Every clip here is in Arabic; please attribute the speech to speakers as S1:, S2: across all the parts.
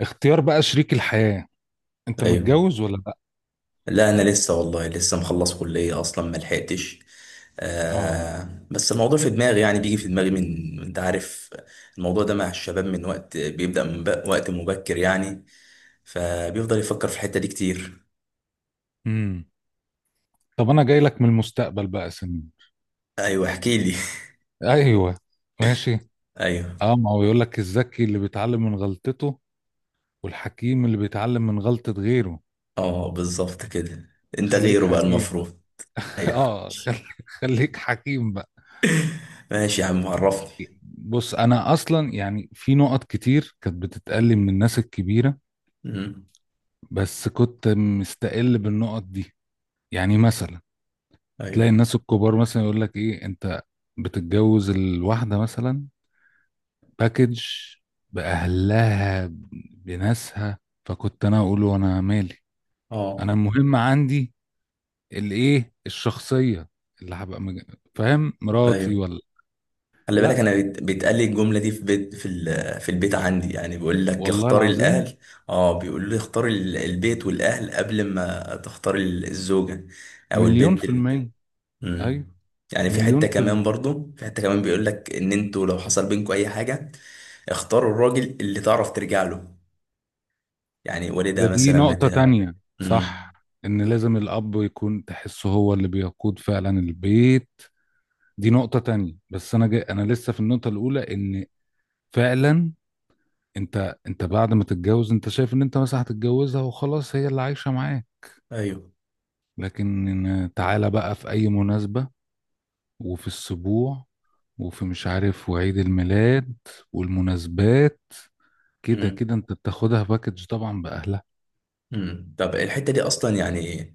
S1: اختيار بقى شريك الحياة. انت
S2: ايوه.
S1: متجوز ولا لا؟
S2: لا، انا لسه والله لسه مخلص كليه اصلا ما لحقتش.
S1: اه.
S2: بس الموضوع في دماغي، يعني بيجي في دماغي من، انت عارف؟ الموضوع ده مع الشباب من وقت بيبدا من وقت مبكر يعني. فبيفضل يفكر في الحته دي كتير.
S1: امم. طب انا جاي لك من المستقبل بقى سن.
S2: ايوه، احكي لي.
S1: ايوه، ماشي.
S2: ايوه.
S1: اه، ما هو يقول لك الذكي اللي بيتعلم من غلطته، والحكيم اللي بيتعلم من غلطة غيره.
S2: اه، بالظبط كده. انت
S1: خليك
S2: غيره بقى
S1: حكيم بقى.
S2: المفروض. ايوه.
S1: اه، خليك حكيم بقى.
S2: ماشي يا عم، عرفني.
S1: بص، انا اصلا يعني في نقط كتير كانت بتتقال لي من الناس الكبيرة،
S2: مم.
S1: بس كنت مستقل بالنقط دي. يعني مثلا
S2: ايوه.
S1: تلاقي الناس الكبار مثلا يقول لك ايه انت بتتجوز الواحدة مثلا باكج، بأهلها، بناسها. فكنت انا اقول وانا مالي؟
S2: اه.
S1: انا المهم عندي الايه الشخصية اللي هبقى فاهم مراتي
S2: ايوه.
S1: ولا.
S2: خلي بالك،
S1: لا
S2: انا بيتقال لي الجمله دي في بيت في في البيت عندي، يعني بيقول لك
S1: والله
S2: اختار
S1: العظيم،
S2: الاهل. اه، بيقول لي اختار البيت والاهل قبل ما تختار الزوجه او
S1: مليون
S2: البنت
S1: في المية.
S2: مم.
S1: ايوه،
S2: يعني في حته
S1: مليون في
S2: كمان
S1: المية.
S2: برضو، في حته كمان بيقول لك ان انتوا لو حصل بينكم اي حاجه اختاروا الراجل اللي تعرف ترجع له. يعني
S1: ده
S2: والدها
S1: دي
S2: مثلا،
S1: نقطة
S2: بتاع.
S1: تانية،
S2: امم.
S1: صح؟ ان لازم الاب يكون تحسه هو اللي بيقود فعلا البيت. دي نقطة تانية، بس أنا جاي أنا لسه في النقطة الأولى. إن فعلا أنت بعد ما تتجوز أنت شايف إن أنت مثلا هتتجوزها وخلاص هي اللي عايشة معاه.
S2: ايوه.
S1: لكن تعالى بقى في أي مناسبة، وفي السبوع، وفي مش عارف، وعيد الميلاد والمناسبات. كده كده
S2: امم.
S1: أنت بتاخدها باكج طبعا بأهلها.
S2: امم. طب الحته دي اصلا يعني،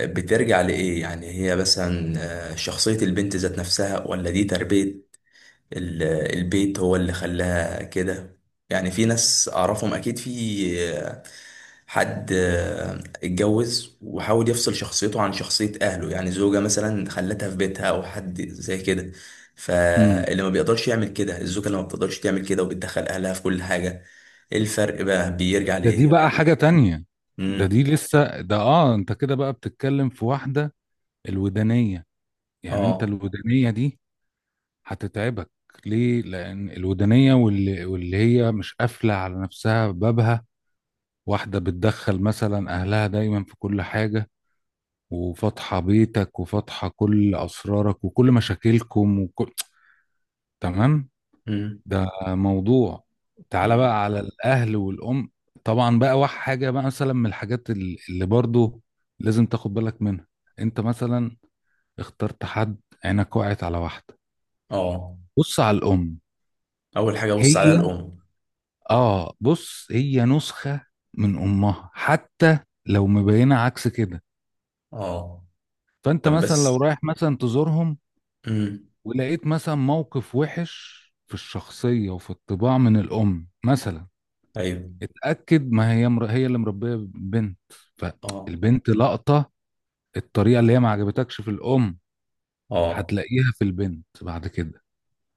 S2: بترجع لإيه؟ يعني هي مثلا شخصية البنت ذات نفسها، ولا دي تربية ال- البيت هو اللي خلاها كده؟ يعني في ناس أعرفهم أكيد، في آه، حد اتجوز وحاول يفصل شخصيته عن شخصية أهله، يعني زوجة مثلا خلتها في بيتها، أو حد زي كده.
S1: امم.
S2: فاللي ما بيقدرش يعمل كده، الزوجة اللي ما بتقدرش تعمل كده وبتدخل أهلها في كل حاجة، إيه الفرق بقى؟ بيرجع
S1: دي هي بقى
S2: لإيه؟
S1: باكج حاجة تانية. ده
S2: مم.
S1: دي لسه ده آه، أنت كده بقى بتتكلم في واحدة، الودانية. يعني أنت
S2: آه.
S1: الودانية دي هتتعبك. ليه؟ لان الودانيه واللي هي مش قافله على نفسها بابها. واحده بتدخل مثلا اهلها دايما في كل حاجه، وفاتحه بيتك، وفاتحه كل اسرارك وكل مشاكلكم وكل، تمام؟
S2: مم.
S1: ده موضوع. تعالى
S2: مم.
S1: بقى على الاهل والام. طبعا بقى واحد حاجه بقى مثلا من الحاجات اللي برضو لازم تاخد بالك منها. انت مثلا اخترت حد، عينك وقعت على واحده،
S2: آه.
S1: بص على الام.
S2: اول حاجه ابص عليها
S1: هي،
S2: الام.
S1: اه بص هي نسخة من امها، حتى لو مبينة عكس كده.
S2: اه.
S1: فانت
S2: طب،
S1: مثلا لو
S2: بس.
S1: رايح مثلا تزورهم،
S2: امم.
S1: ولقيت مثلا موقف وحش في الشخصية وفي الطباع من الام مثلا،
S2: ايوه.
S1: اتأكد، ما هي مر... هي اللي مربية بنت،
S2: اه.
S1: فالبنت لقطة. الطريقة اللي هي ما عجبتكش في الام،
S2: اه،
S1: هتلاقيها في البنت بعد كده.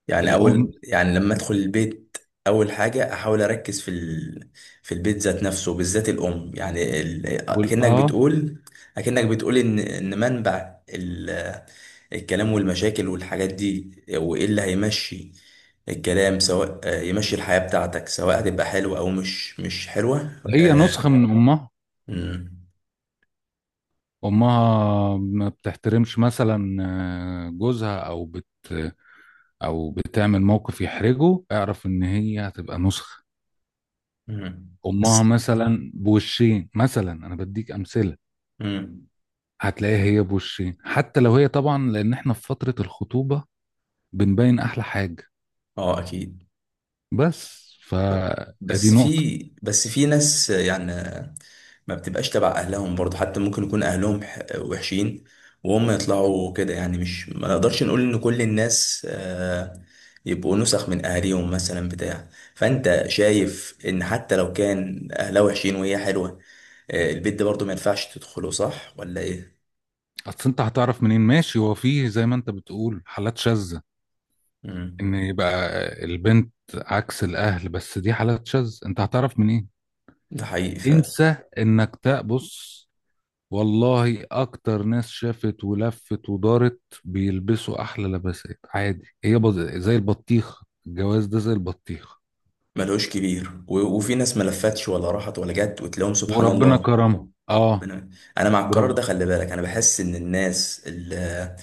S2: يعني
S1: الام
S2: اول، يعني لما ادخل البيت، اول حاجه احاول اركز في في البيت ذات نفسه، بالذات الام، يعني اكنك
S1: اه،
S2: بتقول، اكنك بتقول ان منبع الكلام والمشاكل والحاجات دي، وايه اللي هيمشي الكلام، سواء يمشي الحياه بتاعتك، سواء هتبقى حلوه او مش حلوه
S1: هي
S2: آه،
S1: نسخة من امها.
S2: امم.
S1: امها ما بتحترمش مثلا آه، جوزها، او بتعمل موقف يحرجه، اعرف ان هي هتبقى نسخة
S2: امم.
S1: امها
S2: بس.
S1: مثلا. بوشين مثلا، انا بديك امثلة.
S2: امم.
S1: هتلاقيها هي بوشين، حتى لو هي طبعا لان احنا في فترة الخطوبة بنبين احلى حاجة،
S2: اه، اكيد.
S1: بس فادي
S2: بس
S1: نقطة.
S2: في بس في ناس يعني، ما بتبقاش تبع اهلهم برضه، حتى ممكن يكون اهلهم وحشين، وهم يطلعوا كده، يعني مش ما نقدرش نقول ان كل الناس يبقوا نسخ من اهاليهم مثلا، بتاع. فانت شايف ان حتى لو كان اهلها وحشين وهي حلوة، البيت ده برضه ما ينفعش تدخله، صح ولا ايه؟
S1: اصل انت هتعرف منين؟ ماشي، هو فيه زي ما انت بتقول حالات شاذة
S2: مم.
S1: ان يبقى البنت عكس الاهل، بس دي حالات شاذة، انت هتعرف منين؟
S2: ده حقيقي فعلا.
S1: انسى انك تبص. والله اكتر ناس شافت ولفت ودارت بيلبسوا احلى لباسات عادي، هي زي البطيخ. الجواز ده زي البطيخ،
S2: ملهوش كبير، و- وفي ناس ما لفتش ولا راحت ولا جت وتلاقيهم سبحان
S1: وربنا
S2: الله.
S1: كرمه. اه.
S2: انا. أنا مع القرار
S1: برافو.
S2: ده، خلي بالك، انا بحس ان الناس اللي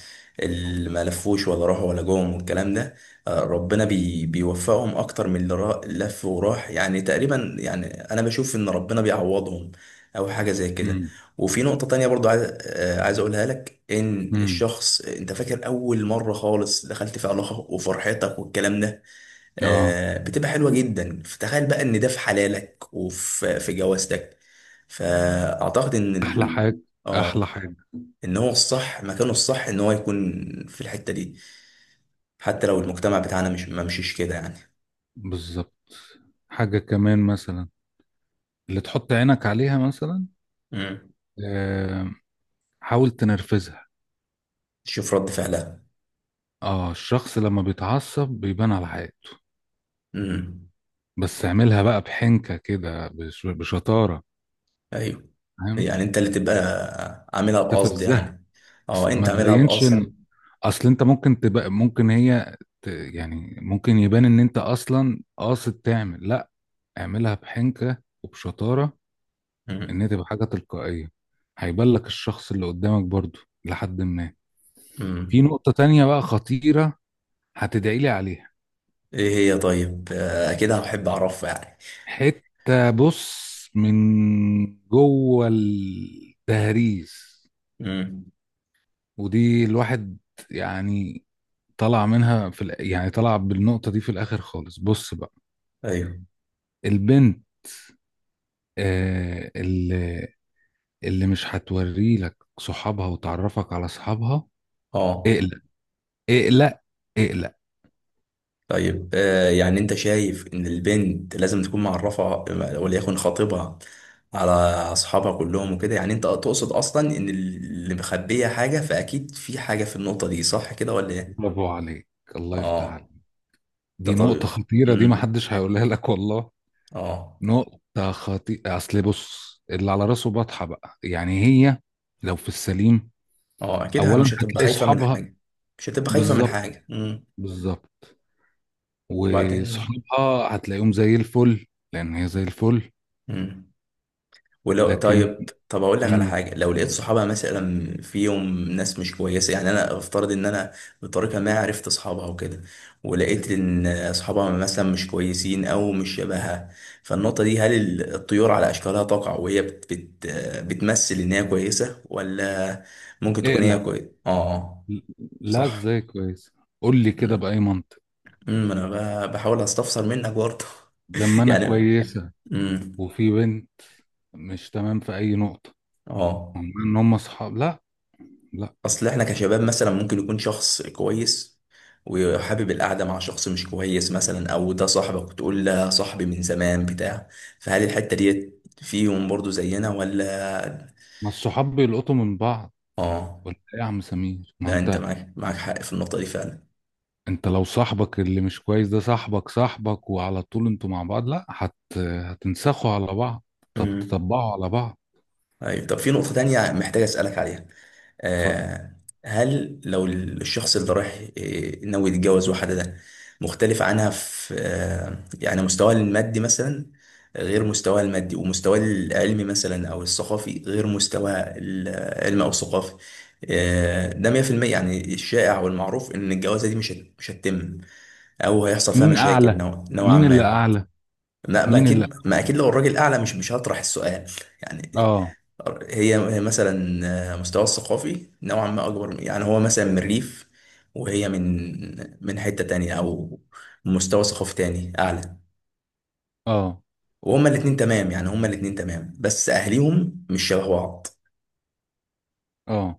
S2: اللي ما لفوش ولا راحوا ولا جم والكلام ده، ربنا بيوفقهم اكتر من اللي لف وراح، يعني تقريبا، يعني انا بشوف ان ربنا بيعوضهم، او حاجه زي كده.
S1: امم.
S2: وفي نقطه تانية برضو عايز اقولها لك، ان
S1: امم.
S2: الشخص انت فاكر اول مره خالص دخلت في علاقه وفرحتك والكلام ده
S1: اه.
S2: بتبقى حلوة جدا. فتخيل بقى ان ده في حلالك وفي في جوازتك. فاعتقد ان
S1: احلى حاجه. احلى
S2: اه،
S1: حاجه.
S2: ان هو الصح مكانه الصح، ان هو يكون في الحتة دي، حتى لو المجتمع بتاعنا مش ما مشيش كده يعني.
S1: بالظبط. حاجه كمان مثلا اللي تحط عينك عليها مثلا،
S2: امم.
S1: آه، حاول تنرفزها.
S2: شوف رد فعلها.
S1: اه الشخص لما بيتعصب بيبان على حياته.
S2: امم.
S1: بس اعملها بقى بحنكة كده، بشطارة،
S2: ايوه.
S1: فاهم؟
S2: يعني انت اللي تبقى عاملها بقصد
S1: تفزها.
S2: يعني. اه، انت
S1: ما
S2: عاملها
S1: تبينش
S2: بقصد.
S1: ان، اصل انت ممكن تبقى ممكن يعني ممكن يبان ان انت اصلا قاصد تعمل، لا، اعملها بحنكة وبشطارة، ان هي
S2: امم.
S1: تبقى حاجة تلقائية. هيبان لك الشخص اللي قدامك برضو لحد ما. في
S2: امم.
S1: نقطة تانية بقى خطيرة، هتدعي لي عليها.
S2: ايه هي؟ طيب، كده هحب اعرفها يعني.
S1: حتة بص من جوه التهريس.
S2: امم.
S1: ودي الواحد يعني طلع منها في الآ- يعني طلع بالنقطة دي في الآخر خالص. بص بقى،
S2: ايوه.
S1: البنت آه اللي مش هتوري لك صحابها وتعرفك على صحابها،
S2: اه،
S1: اقلق، اقلق، اقلق.
S2: طيب، يعني انت شايف ان البنت لازم تكون معرفة، وليكن خطيبها، على اصحابها كلهم وكده، يعني انت تقصد اصلا ان اللي مخبية حاجة فاكيد في حاجة في النقطة دي، صح كده ولا ايه؟
S1: برافو عليك، الله يفتح عليك.
S2: اه. ده
S1: دي
S2: طبيعي.
S1: نقطة خطيرة، دي
S2: امم.
S1: محدش هيقولها لك والله.
S2: اه.
S1: نقطة خطيرة. أصل بص، اللي على راسه بطحة بقى، يعني هي لو في السليم،
S2: اه، اكيد
S1: أولا
S2: مش هتبقى
S1: هتلاقي
S2: خايفة من
S1: صحابها.
S2: حاجة. مش هتبقى خايفة من
S1: بالظبط،
S2: حاجة. امم.
S1: بالظبط.
S2: وبعدين.
S1: وصحابها هتلاقيهم زي الفل، لان هي زي الفل.
S2: امم. ولو
S1: لكن،
S2: طب اقول لك على
S1: امم،
S2: حاجه، لو لقيت صحابها مثلا فيهم ناس مش كويسه، يعني انا افترض ان انا بطريقه ما عرفت اصحابها وكده، ولقيت ان اصحابها مثلا مش كويسين او مش شبهها، فالنقطه دي، هل الطيور على اشكالها تقع، وهي بت بت بتمثل ان هي كويسه، ولا ممكن تكون هي
S1: اقلق.
S2: كويسه؟ اه.
S1: لا،
S2: صح.
S1: ازاي كويس؟ قول لي كده
S2: امم.
S1: بأي منطق.
S2: أمم، انا بحاول استفسر منك برضه
S1: لما انا
S2: يعني.
S1: كويسة
S2: امم.
S1: وفي بنت مش تمام في اي نقطة،
S2: اه.
S1: هم ان هم صحاب، لا، لا.
S2: اصل احنا كشباب مثلا ممكن يكون شخص كويس وحابب القعده مع شخص مش كويس مثلا، او ده صاحبك وتقول لا صاحبي من زمان بتاع. فهل الحته دي فيهم برضو زينا، ولا؟
S1: ما الصحاب بيلقطوا من بعض،
S2: اه،
S1: ولا إيه يا عم سمير؟ ما
S2: لا، انت
S1: انت،
S2: معاك حق في النقطه دي فعلا.
S1: انت لو صاحبك اللي مش كويس ده صاحبك صاحبك وعلى طول انتوا مع بعض، لا هتنسخوا على بعض، طب
S2: امم.
S1: تطبقوا على بعض.
S2: ايوه. طب، في نقطه تانية محتاج اسالك عليها،
S1: اتفضل.
S2: آه، هل لو الشخص اللي رايح ناوي يتجوز واحدة ده مختلف عنها في يعني مستواها المادي مثلا، غير مستواها المادي، ومستواها العلمي مثلا أو الثقافي، غير مستواها العلمي أو الثقافي، ده 100% يعني الشائع والمعروف إن الجوازة دي مش هتتم، أو هيحصل فيها
S1: مين
S2: مشاكل
S1: اعلى؟
S2: نوعا
S1: مين اللي
S2: ما.
S1: اعلى؟
S2: ما
S1: مين اللي؟
S2: أكيد، ما أكيد لو الراجل أعلى مش هطرح السؤال. يعني
S1: اه.
S2: هي مثلا مستوى الثقافي نوعا ما اكبر، يعني هو مثلا من الريف، وهي من حتة تانية، او مستوى ثقافي تاني اعلى،
S1: اه.
S2: وهما الاتنين تمام، يعني هما الاتنين تمام، بس اهليهم مش شبه بعض.
S1: اه.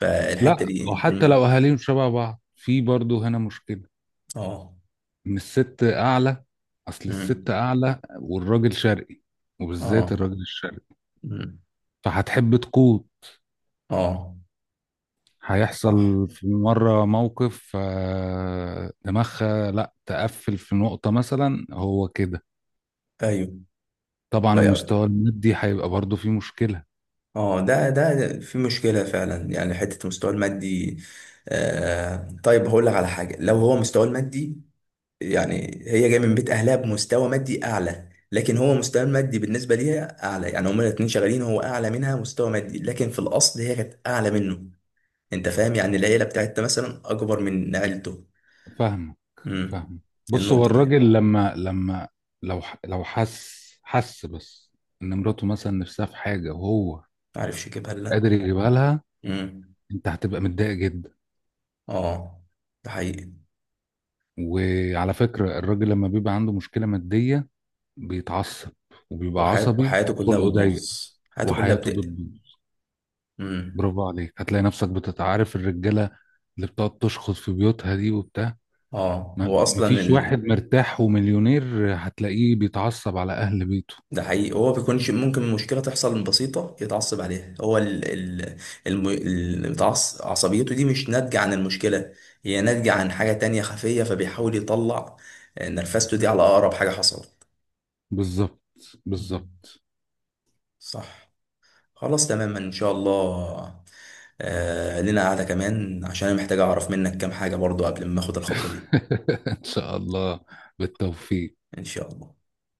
S2: فالحتة
S1: لا،
S2: دي
S1: وحتى
S2: امم.
S1: لو اهاليهم شبه بعض، في برضه هنا مشكلة،
S2: اه.
S1: ان الست اعلى. اصل الست
S2: امم.
S1: اعلى والراجل شرقي، وبالذات
S2: اه.
S1: الراجل الشرقي،
S2: امم.
S1: فهتحب تقود.
S2: اه.
S1: هيحصل
S2: صح.
S1: في مرة موقف، آه، دماغها لا تقفل في نقطة مثلا هو كده.
S2: ايوه.
S1: طبعا
S2: بقى-
S1: المستوى المادي هيبقى برضه فيه مشكلة.
S2: اه، ده في مشكلة فعلا، يعني حتة المستوى المادي. طيب، هقول لك على حاجة، لو هو مستواه المادي، يعني هي جايه من بيت اهلها بمستوى مادي اعلى، لكن هو مستوى المادي بالنسبه ليها اعلى، يعني هما الاتنين شغالين هو اعلى منها مستوى مادي، لكن في الاصل هي كانت اعلى منه. انت فاهم؟ يعني العيله بتاعتها مثلا اكبر من عيلته.
S1: فاهمك،
S2: امم.
S1: فاهمك. بص، هو
S2: النقطه دي،
S1: الراجل لما لو لو حس بس ان مراته مثلا نفسها في حاجه وهو
S2: معرفش اجيبها، لا.
S1: قادر يجيبها لها،
S2: امم.
S1: انت هتبقى متضايق جدا.
S2: اه. ده حقيقي.
S1: وعلى فكره الراجل لما بيبقى عنده مشكله ماديه بيتعصب، وبيبقى
S2: وحياته
S1: عصبي
S2: وحياته كلها
S1: وخلقه ضيق،
S2: بتبوظ، حياته كلها
S1: وحياته
S2: بتقلب.
S1: بتبوظ.
S2: امم.
S1: برافو عليك. هتلاقي نفسك بتتعارف الرجاله اللي بتقعد تشخص في بيوتها دي وبتاع،
S2: اه، هو اصلا.
S1: مفيش واحد مرتاح ومليونير، هتلاقيه بيتعصب على اهل بيته.
S2: ده حقيقي، هو بيكونش ممكن مشكلة تحصل بسيطة يتعصب عليها، هو ال ال عصبيته دي مش ناتجة عن المشكلة، هي ناتجة عن حاجة تانية خفية، فبيحاول يطلع نرفزته دي على أقرب حاجة حصلت.
S1: بالظبط،
S2: مم.
S1: بالظبط.
S2: صح. خلاص، تماما، إن شاء الله. لنا قعدة كمان، عشان أنا محتاج أعرف منك كام حاجة برضو قبل ما أخد الخطوة دي.
S1: ان شاء الله، بالتوفيق.
S2: إن شاء الله.